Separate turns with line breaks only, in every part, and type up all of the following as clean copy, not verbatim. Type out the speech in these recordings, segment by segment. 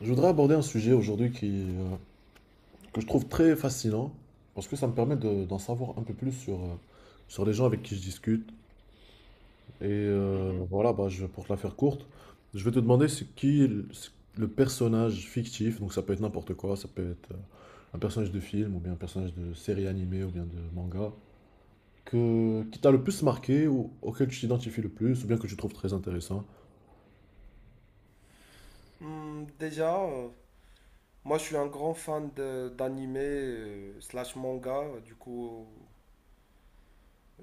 Je voudrais aborder un sujet aujourd'hui qui que je trouve très fascinant parce que ça me permet d'en savoir un peu plus sur, sur les gens avec qui je discute.
Mhm.
Pour te la faire courte, je vais te demander c'est le personnage fictif. Donc ça peut être n'importe quoi, ça peut être un personnage de film ou bien un personnage de série animée ou bien de manga, qui t'a le plus marqué ou auquel tu t'identifies le plus ou bien que tu trouves très intéressant.
Déjà, moi je suis un grand fan d'anime slash manga. Du coup,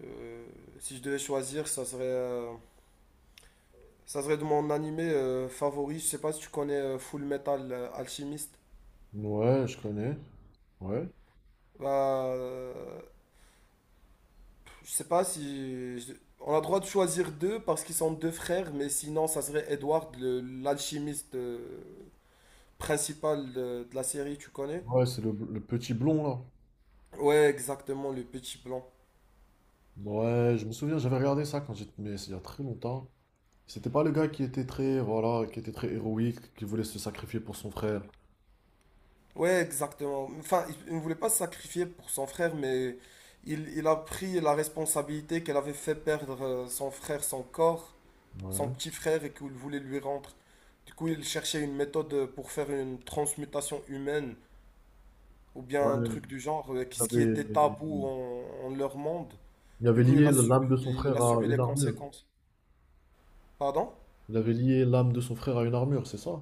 euh, si je devais choisir, ça serait de mon anime favori. Je sais pas si tu connais Full Metal Alchemist.
Ouais, je connais. Ouais.
Bah, je sais pas si on a droit de choisir deux parce qu'ils sont deux frères, mais sinon ça serait Edward, l'alchimiste principal de la série. Tu connais?
Ouais, c'est le petit blond là.
Ouais, exactement, le petit blanc.
Ouais, je me souviens, j'avais regardé ça quand j'étais, mais c'est il y a très longtemps. C'était pas le gars qui était très, voilà, qui était très héroïque, qui voulait se sacrifier pour son frère.
Ouais, exactement. Enfin, il ne voulait pas se sacrifier pour son frère, mais il a pris la responsabilité qu'elle avait fait perdre son frère, son corps, son
Ouais.
petit frère, et qu'il voulait lui rendre. Du coup, il cherchait une méthode pour faire une transmutation humaine, ou
Ouais,
bien un
il
truc du genre, ce qui
avait,
était tabou en leur monde.
il
Du
avait
coup,
lié l'âme de son
il
frère
a
à
subi
une
les
armure.
conséquences. Pardon?
Il avait lié l'âme de son frère à une armure, c'est ça?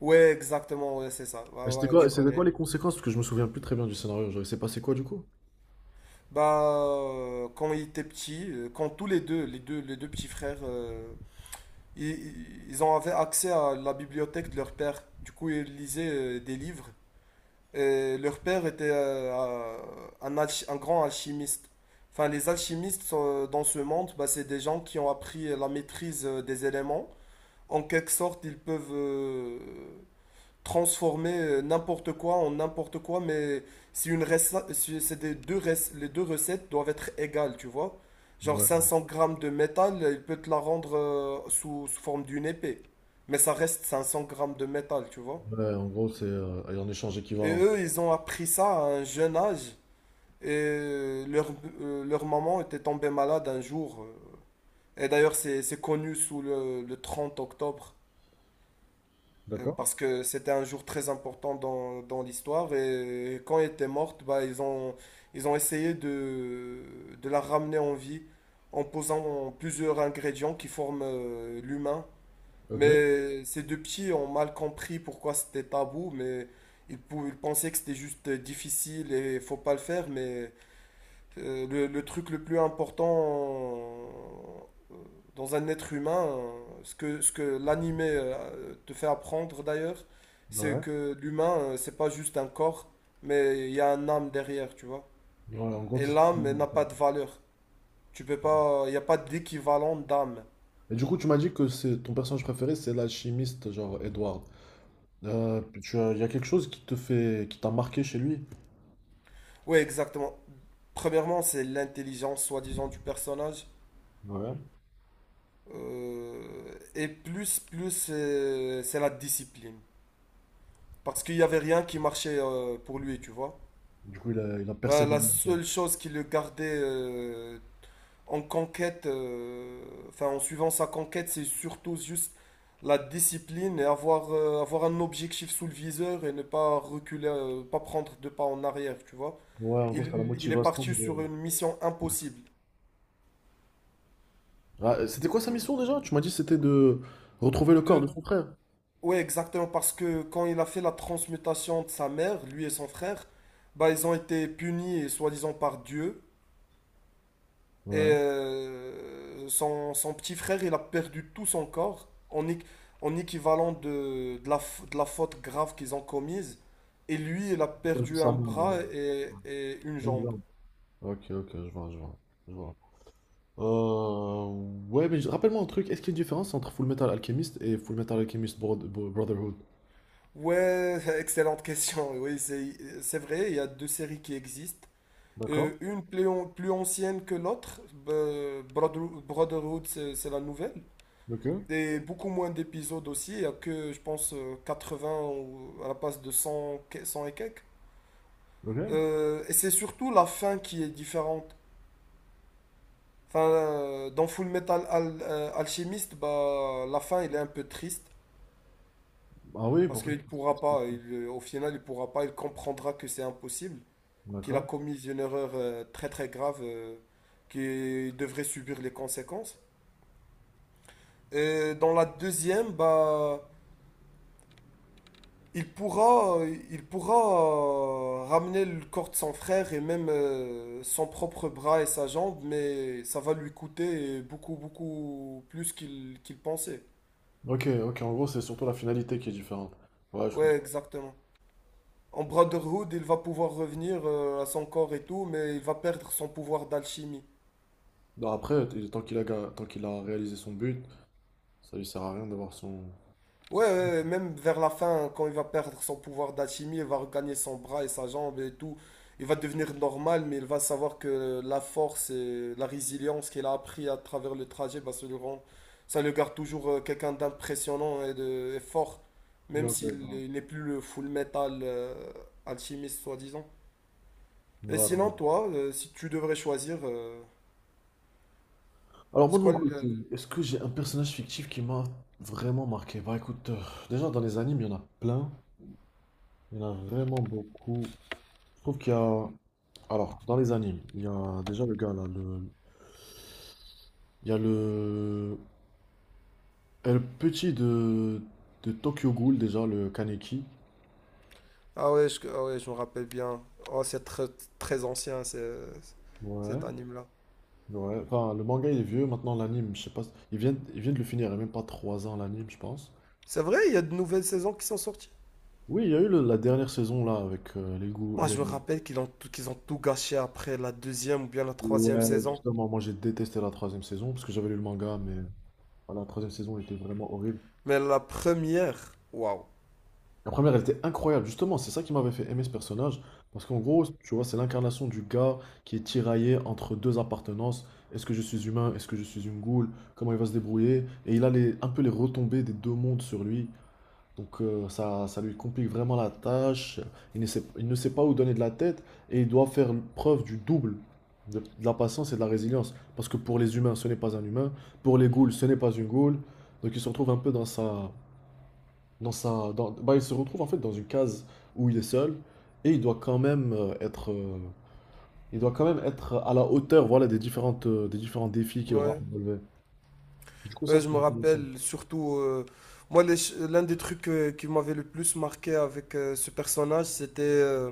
Ouais, exactement, ouais, c'est ça. Ouais,
Et
voilà, tu
c'était
connais.
quoi les conséquences? Parce que je me souviens plus très bien du scénario. Genre, il s'est passé quoi du coup?
Bah, quand ils étaient petits, quand tous les deux petits frères, ils ont avaient accès à la bibliothèque de leur père. Du coup, ils lisaient des livres. Et leur père était un grand alchimiste. Enfin, les alchimistes dans ce monde, bah, c'est des gens qui ont appris la maîtrise des éléments. En quelque sorte, ils peuvent transformer n'importe quoi en n'importe quoi, mais si une rece- si c'est des deux rec- les deux recettes doivent être égales, tu vois. Genre
Ouais.
500 grammes de métal, il peut te la rendre sous forme d'une épée. Mais ça reste 500 grammes de métal, tu vois.
Ouais, en gros, c'est un échange
Et
équivalent.
eux, ils ont appris ça à un jeune âge. Et leur maman était tombée malade un jour. Et d'ailleurs, c'est connu sous le 30 octobre,
D'accord?
parce que c'était un jour très important dans l'histoire. Et quand elle était morte, bah, ils ont essayé de la ramener en vie en posant plusieurs ingrédients qui forment l'humain.
Ok.
Mais ces deux petits ont mal compris pourquoi c'était tabou, mais ils pensaient que c'était juste difficile et faut pas le faire. Mais le truc le plus important dans un être humain, ce que l'animé te fait apprendre d'ailleurs, c'est
Ouais.
que l'humain, c'est pas juste un corps, mais il y a un âme derrière, tu vois.
Ouais, en gros,
Et
c'est...
l'âme, elle n'a pas de valeur. Tu peux pas, il n'y a pas d'équivalent d'âme.
Et du coup, tu m'as dit que c'est ton personnage préféré, c'est l'alchimiste, genre Edward. Il y a quelque chose qui te fait, qui t'a marqué chez lui.
Oui, exactement. Premièrement, c'est l'intelligence, soi-disant, du personnage.
Ouais.
Euh, et plus, c'est la discipline. Parce qu'il n'y avait rien qui marchait pour lui, tu vois.
Du coup, il a
La
persévéré un peu.
seule chose qui le gardait en conquête, enfin en suivant sa conquête, c'est surtout juste la discipline et avoir un objectif sous le viseur et ne pas reculer, pas prendre deux pas en arrière, tu vois.
Ouais, en gros,
Il,
c'était la
il est
motivation.
parti sur
De-
une mission impossible.
Ah, c'était quoi sa mission déjà? Tu m'as dit que c'était de retrouver le corps
De,
de son frère.
ouais, exactement, parce que quand il a fait la transmutation de sa mère, lui et son frère, bah ils ont été punis, soi-disant, par Dieu. Et
Ouais.
son petit frère, il a perdu tout son corps en équivalent de la faute grave qu'ils ont commise. Et lui, il a
C'était un peu
perdu un
ça, mais,
bras et une
une
jambe.
jambe. Ok, ok, je vois, je vois. Euh, ouais, mais rappelle-moi un truc. Est-ce qu'il y a une différence entre Full Metal Alchemist et Full Metal Alchemist Brotherhood?
Ouais, excellente question. Oui, c'est vrai, il y a deux séries qui existent.
D'accord.
Une plus ancienne que l'autre, Brotherhood, c'est la nouvelle.
Ok.
Et beaucoup moins d'épisodes aussi, il y a que, je pense, 20 ou à la place de 100 et quelques.
Ok.
Et c'est surtout la fin qui est différente. Enfin, dans Full Metal Alchemist, bah, la fin, elle est un peu triste
Ah oui,
parce
pourquoi?
qu'il pourra pas. Au final, il pourra pas. Il comprendra que c'est impossible, qu'il a
D'accord.
commis une erreur très très grave, qu'il devrait subir les conséquences. Et dans la deuxième, bah, Il pourra, il pourra ramener le corps de son frère et même son propre bras et sa jambe, mais ça va lui coûter beaucoup, beaucoup plus qu'il pensait.
Ok, ok, en gros, c'est surtout la finalité qui est différente. Ouais, je
Ouais,
comprends.
exactement. En Brotherhood, il va pouvoir revenir à son corps et tout, mais il va perdre son pouvoir d'alchimie.
Non, après, tant qu'il a, tant qu'il a réalisé son but, ça lui sert à rien d'avoir son.
Ouais, ouais, ouais, même vers la fin, quand il va perdre son pouvoir d'alchimie, il va regagner son bras et sa jambe et tout. Il va devenir normal, mais il va savoir que la force et la résilience qu'il a appris à travers le trajet, bah, ça le garde toujours quelqu'un d'impressionnant et de et fort,
Ouais,
même
ouais,
s'il
ouais.
il n'est plus le full metal alchimiste, soi-disant.
Ouais,
Et
ouais.
sinon, toi, si tu devrais choisir,
Alors,
c'est
moi de mon
quoi le...
côté, est-ce que j'ai un personnage fictif qui m'a vraiment marqué? Bah écoute, déjà dans les animes, il y en a plein. Il y en a vraiment beaucoup. Je trouve qu'il y a. Alors, dans les animes, il y a déjà le gars là, le. Il y a le. Et le petit de. De Tokyo Ghoul, déjà, le Kaneki.
Ah ouais, je me rappelle bien. Oh, c'est très, très ancien,
Ouais.
cet anime-là.
Ouais, enfin, le manga il est vieux, maintenant l'anime, je sais pas, ils viennent de le finir, il y a même pas 3 ans l'anime, je pense.
C'est vrai, il y a de nouvelles saisons qui sont sorties.
Oui, il y a eu la dernière saison là avec les goûts.
Moi,
Les-
je me rappelle qu'ils ont tout gâché après la deuxième ou bien la
Ouais,
troisième saison.
justement, moi j'ai détesté la troisième saison parce que j'avais lu le manga, mais voilà, la troisième saison elle était vraiment horrible.
Mais la première, waouh.
La première elle était incroyable, justement, c'est ça qui m'avait fait aimer ce personnage parce qu'en gros, tu vois, c'est l'incarnation du gars qui est tiraillé entre deux appartenances. Est-ce que je suis humain? Est-ce que je suis une goule? Comment il va se débrouiller? Et il a les, un peu les retombées des deux mondes sur lui. Donc ça, ça lui complique vraiment la tâche. Il ne sait pas où donner de la tête et il doit faire preuve du double de la patience et de la résilience. Parce que pour les humains, ce n'est pas un humain. Pour les ghouls, ce n'est pas une ghoul. Donc il se retrouve un peu dans sa... Il se retrouve en fait dans une case où il est seul et il doit quand même être... il doit quand même être à la hauteur, voilà, des différentes, des différents défis qu'il aura à
Ouais.
relever. Du coup, ça,
Ouais, je
c'est
me
intéressant.
rappelle surtout, moi, l'un des trucs qui m'avait le plus marqué avec ce personnage, c'était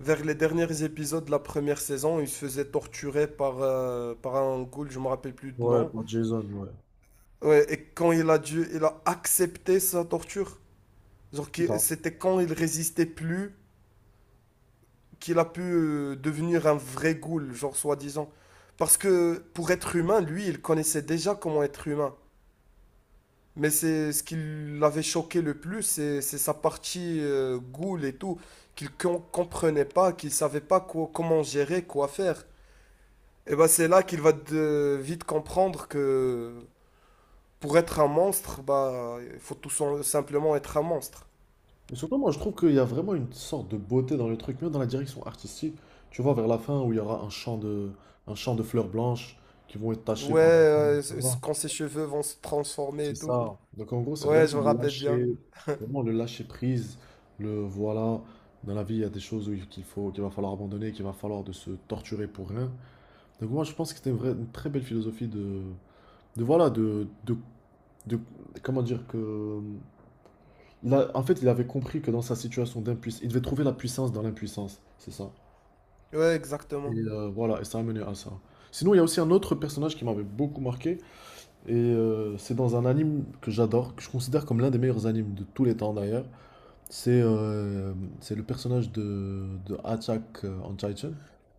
vers les derniers épisodes de la première saison. Il se faisait torturer par un ghoul, je me rappelle plus de
Ouais,
nom.
pour Jason, ouais.
Ouais, et quand il a dû, il a accepté sa torture. Genre, c'était quand il résistait plus qu'il a pu devenir un vrai ghoul, genre soi-disant. Parce que pour être humain, lui, il connaissait déjà comment être humain. Mais c'est ce qui l'avait choqué le plus, c'est sa partie ghoul et tout, comprenait pas, qu'il savait pas comment gérer, quoi faire. Et bah c'est là qu'il va vite comprendre que pour être un monstre, bah il faut tout simplement être un monstre.
Mais surtout, moi, je trouve qu'il y a vraiment une sorte de beauté dans le truc, même dans la direction artistique. Tu vois, vers la fin, où il y aura un champ de fleurs blanches qui vont être tachées
Ouais,
par... Tu vois,
quand ses cheveux vont se transformer
c'est
et tout.
ça. Donc, en gros, c'est
Ouais, je me rappelle bien.
vraiment le lâcher prise. Le voilà, dans la vie, il y a des choses où il- qu'il faut, qu'il va falloir abandonner, qu'il va falloir de se torturer pour rien. Donc, moi, je pense que c'était une très belle philosophie de voilà, de- comment dire que Il en fait, il avait compris que dans sa situation d'impuissance, il devait trouver la puissance dans l'impuissance, c'est ça.
Ouais,
Et
exactement.
voilà, et ça a mené à ça. Sinon, il y a aussi un autre personnage qui m'avait beaucoup marqué, et c'est dans un anime que j'adore, que je considère comme l'un des meilleurs animes de tous les temps d'ailleurs. C'est euh, c'est le personnage de Attack on Titan.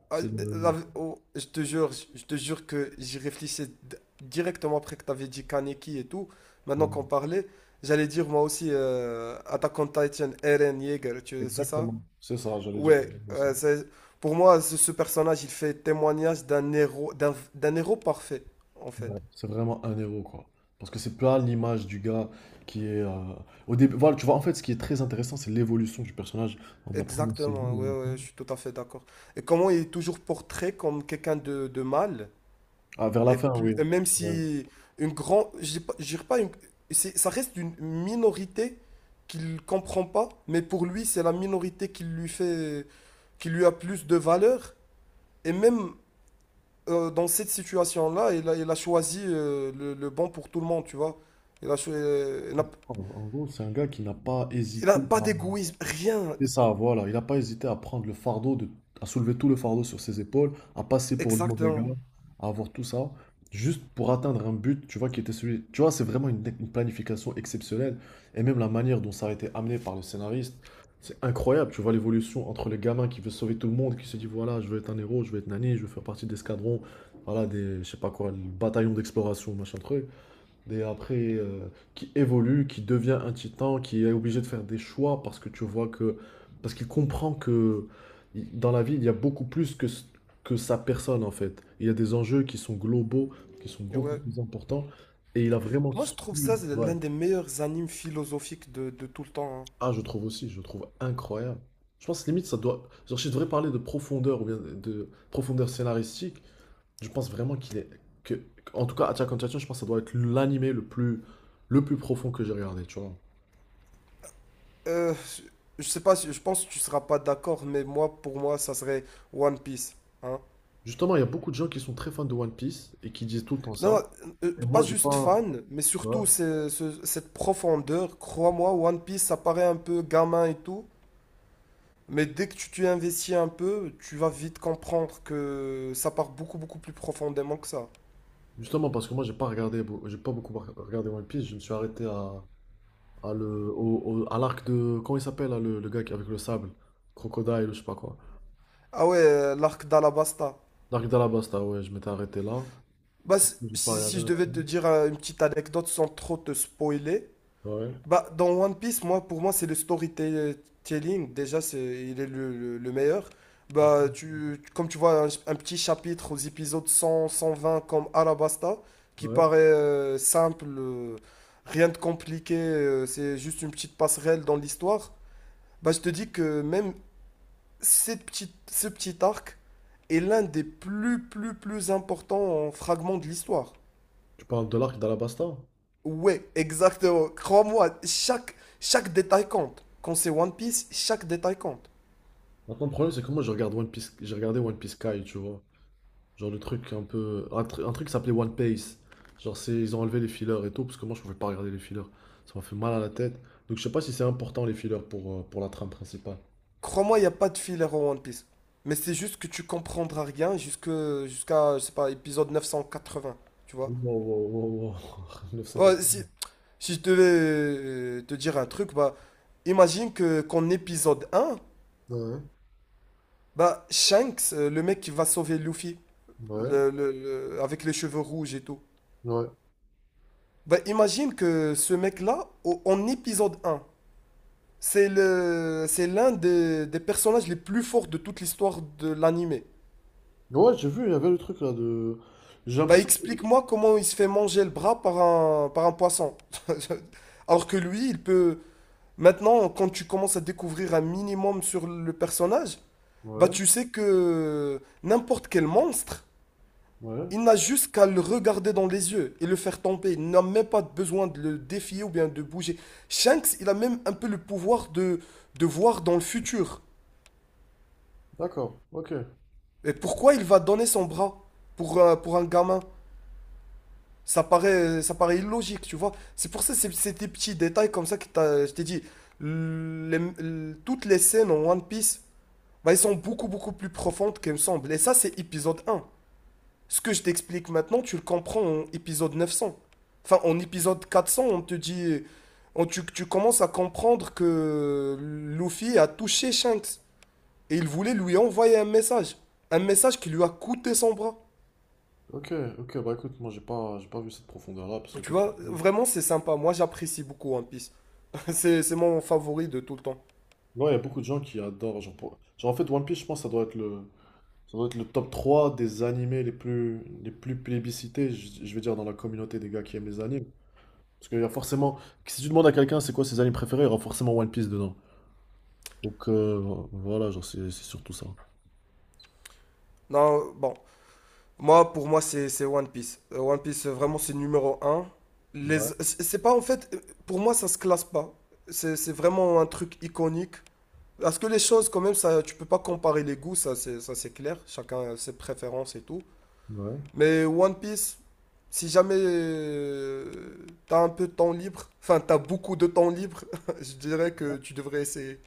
Ah,
C'est
oh, je te jure que j'y réfléchissais directement après que tu avais dit Kaneki et tout. Maintenant qu'on
le-
parlait, j'allais dire moi aussi Attack on Titan, Eren Yeager, tu c'est ça?
Exactement. C'est ça, j'allais dire
Ouais,
aussi.
pour moi, ce personnage, il fait témoignage d'un héros, d'un héros parfait, en fait.
Ouais, c'est vraiment un héros, quoi. Parce que c'est pas l'image du gars qui est. Au début, voilà, tu vois, en fait, ce qui est très intéressant, c'est l'évolution du personnage entre la première saison
Exactement,
et
ouais,
la
ouais,
fin.
je suis tout à fait d'accord. Et comment il est toujours portrait comme quelqu'un de mal.
Ah, vers la fin, oui.
Et même
Ouais.
si une grande, je dis pas, je dirais pas ça reste une minorité qu'il comprend pas, mais pour lui, c'est la minorité qui lui fait, qui lui a plus de valeur. Et même dans cette situation-là, il a choisi le bon pour tout le monde, tu vois. Il a, cho- il n'a,
En en gros, c'est un gars qui n'a pas
il a
hésité.
pas d'égoïsme, rien,
C'est ça, voilà. Il n'a pas hésité à prendre le fardeau, de, à soulever tout le fardeau sur ses épaules, à passer pour le mauvais gars,
exactement.
à avoir tout ça, juste pour atteindre un but, tu vois, qui était celui. Tu vois, c'est vraiment une planification exceptionnelle. Et même la manière dont ça a été amené par le scénariste, c'est incroyable. Tu vois l'évolution entre les gamins qui veut sauver tout le monde, qui se dit, voilà, je veux être un héros, je veux être nani, je veux faire partie d'escadrons, voilà, des, je sais pas quoi, le bataillon d'exploration, machin truc. Et après, qui évolue, qui devient un titan, qui est obligé de faire des choix parce que tu vois que. Parce qu'il comprend que dans la vie, il y a beaucoup plus que sa personne en fait. Il y a des enjeux qui sont globaux, qui sont
Et
beaucoup
ouais.
plus importants. Et il a vraiment
Moi, je
su.
trouve ça c'est
Ouais.
l'un des meilleurs animes philosophiques de tout le temps, hein.
Ah, je trouve aussi, je trouve incroyable. Je pense limite, ça doit. Genre, si je devrais parler de profondeur ou bien de profondeur scénaristique, je pense vraiment qu'il est. Que... En tout cas, Attack on Titan, je pense que ça doit être l'animé le plus profond que j'ai regardé, tu vois.
Euh, je sais pas, je pense que tu seras pas d'accord, pour moi, ça serait One Piece. Hein.
Justement, il y a beaucoup de gens qui sont très fans de One Piece et qui disent tout le temps ça.
Non,
Et
pas
moi, j'ai
juste
pas.
fan, mais
Ouais.
surtout cette profondeur. Crois-moi, One Piece, ça paraît un peu gamin et tout, mais dès que tu t'y investis un peu, tu vas vite comprendre que ça part beaucoup, beaucoup plus profondément que ça.
Justement, parce que moi, j'ai pas regardé, j'ai pas beaucoup regardé One Piece. Je me suis arrêté à le, à l'arc de. Comment il s'appelle, là, le gars avec le sable? Crocodile ou je sais pas quoi.
Ah ouais, l'arc d'Alabasta.
L'arc d'Alabasta, ouais, je m'étais arrêté là.
Bah,
J'ai pas regardé.
si je devais te dire une petite anecdote sans trop te spoiler.
Ouais.
Bah, dans One Piece, pour moi, c'est le storytelling. Déjà, il est le meilleur. Bah, comme tu vois, un petit chapitre aux épisodes 100, 120 comme Alabasta, qui
Ouais.
paraît simple, rien de compliqué, c'est juste une petite passerelle dans l'histoire. Bah, je te dis que même cette petite, ce petit arc est l'un des plus, plus, plus importants fragments de l'histoire.
Tu parles de l'arc d'Alabasta?
Ouais, exactement. Crois-moi, chaque détail compte. Quand c'est One Piece, chaque détail compte.
Maintenant, le problème, c'est que moi, je regarde One Piece, j'ai regardé One Piece Sky, tu vois. Genre le truc un peu. Un truc qui s'appelait One Piece. Genre c'est ils ont enlevé les fillers et tout, parce que moi je pouvais pas regarder les fillers. Ça m'a fait mal à la tête. Donc je sais pas si c'est important les fillers pour la trame principale.
Crois-moi, il n'y a pas de filler en One Piece. Mais c'est juste que tu comprendras rien jusqu'à, je sais pas, épisode 980, tu vois.
Wow, wow.
Ouais,
980.
si je devais te dire un truc, bah, imagine que qu'en épisode 1,
Ouais,
bah, Shanks, le mec qui va sauver Luffy,
ouais,
avec les cheveux rouges et tout.
ouais.
Bah, imagine que ce mec-là, en épisode 1, c'est c'est l'un des personnages les plus forts de toute l'histoire de l'anime.
Ouais, j'ai vu, il y avait le truc là de. J'ai
Bah
l'impression que.
explique-moi comment il se fait manger le bras par un poisson. Alors que lui, il peut... Maintenant, quand tu commences à découvrir un minimum sur le personnage, bah
Ouais,
tu sais que n'importe quel monstre,
ouais.
il n'a juste qu'à le regarder dans les yeux et le faire tomber. Il n'a même pas besoin de le défier ou bien de bouger. Shanks, il a même un peu le pouvoir de voir dans le futur.
D'accord, ok.
Mais pourquoi il va donner son bras pour un gamin? Ça paraît illogique, tu vois. C'est pour ça, c'est des petits détails comme ça que je t'ai dit. Toutes les scènes en One Piece, bah, elles sont beaucoup, beaucoup plus profondes qu'elles me semblent. Et ça, c'est épisode un. Ce que je t'explique maintenant, tu le comprends en épisode 900. Enfin, en épisode 400 on te dit... tu commences à comprendre que Luffy a touché Shanks. Et il voulait lui envoyer un message. Un message qui lui a coûté son bras.
Ok, ok, bah écoute, moi j'ai pas vu cette profondeur là, parce que
Tu
comme tu
vois,
dis-
vraiment, c'est sympa. Moi, j'apprécie beaucoup One Piece. C'est mon favori de tout le temps.
Ouais, il y a beaucoup de gens qui adorent. Genre, genre, en fait, One Piece, je pense, ça doit être le. Ça doit être le top 3 des animés les plus plébiscités, je vais dire, dans la communauté des gars qui aiment les animes. Parce qu'il y a forcément. Si tu demandes à quelqu'un c'est quoi ses animes préférés, il y aura forcément One Piece dedans. Donc voilà, genre c'est surtout ça.
Non, bon. Pour moi, c'est One Piece. One Piece, vraiment, c'est numéro un.
Ouais,
C'est pas, en fait, pour moi, ça se classe pas. C'est vraiment un truc iconique. Parce que les choses, quand même, ça, tu peux pas comparer les goûts, ça, c'est clair. Chacun a ses préférences et tout.
ouais.
Mais One Piece, si jamais t'as un peu de temps libre, enfin, t'as beaucoup de temps libre, je dirais que tu devrais essayer.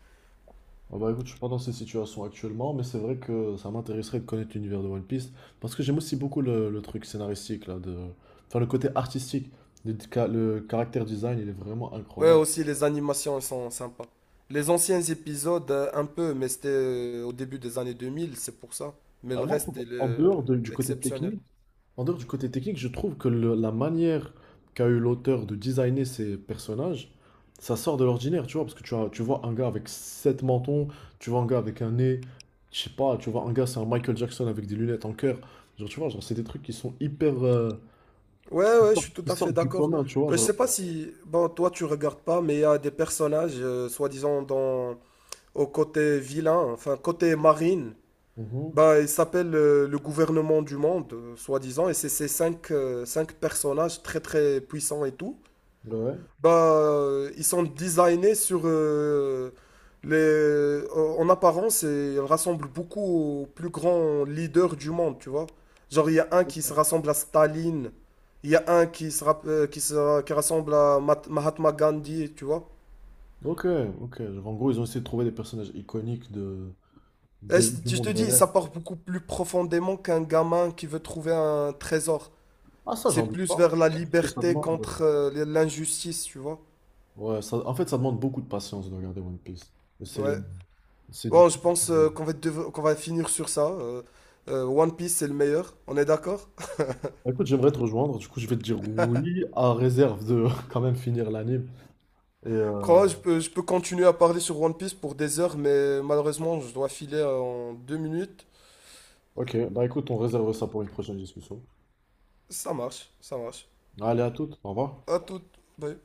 Ah bah écoute, je suis pas dans ces situations actuellement, mais c'est vrai que ça m'intéresserait de connaître l'univers de One Piece. Parce que j'aime aussi beaucoup le truc scénaristique, là, de. Enfin, le côté artistique. Le caractère design, il est vraiment
Ouais,
incroyable.
aussi les animations elles sont sympas. Les anciens épisodes, un peu, mais c'était au début des années 2000, c'est pour ça. Mais
Ah,
le
moi, je
reste, il
trouve,
est
en dehors du côté
exceptionnel.
technique, en dehors du côté technique, je trouve que la manière qu'a eu l'auteur de designer ses personnages, ça sort de l'ordinaire, tu vois, parce que tu vois un gars avec sept mentons, tu vois un gars avec un nez, je sais pas, tu vois un gars c'est un Michael Jackson avec des lunettes en cœur, genre tu vois, genre c'est des trucs qui sont hyper,
Ouais, ouais, je suis tout
qui
à fait
sortent du
d'accord.
commun, tu vois,
Je sais
genre.
pas si, bon, toi tu regardes pas, mais il y a des personnages, soi-disant, dans au côté vilain, enfin côté marine.
Mhm.
Bah, il s'appelle le gouvernement du monde, soi-disant, et c'est ces cinq personnages très très puissants et tout.
Ouais.
Bah, ils sont designés sur les. En apparence, et ils rassemblent beaucoup aux plus grands leaders du monde, tu vois. Genre, il y a un qui se rassemble à Staline, il y a un qui se, rapp- qui se- qui rassemble à Mahatma Gandhi, tu vois.
Ok, ok. Genre, en gros, ils ont essayé de trouver des personnages iconiques de,
Et
du
je te
monde
dis,
réel.
ça part beaucoup plus profondément qu'un gamin qui veut trouver un trésor.
Ah ça,
C'est
j'en doute
plus
pas.
vers la
C'est juste que ça
liberté
demande.
contre l'injustice, tu vois.
Ouais, ça, en fait, ça demande beaucoup de patience de regarder One Piece. Et C'est
Ouais.
C'est du
Bon, je
tout. Bah,
pense qu'on va finir sur ça. One Piece, c'est le meilleur, on est d'accord?
écoute, j'aimerais te rejoindre. Du coup, je vais te dire oui, à réserve de quand même finir l'anime. Et
Je peux continuer à parler sur One Piece pour des heures, mais malheureusement, je dois filer en 2 minutes.
ok, bah écoute, on réserve ça pour une prochaine discussion.
Ça marche, ça marche.
Allez, à toutes. Au revoir.
À tout. Bye.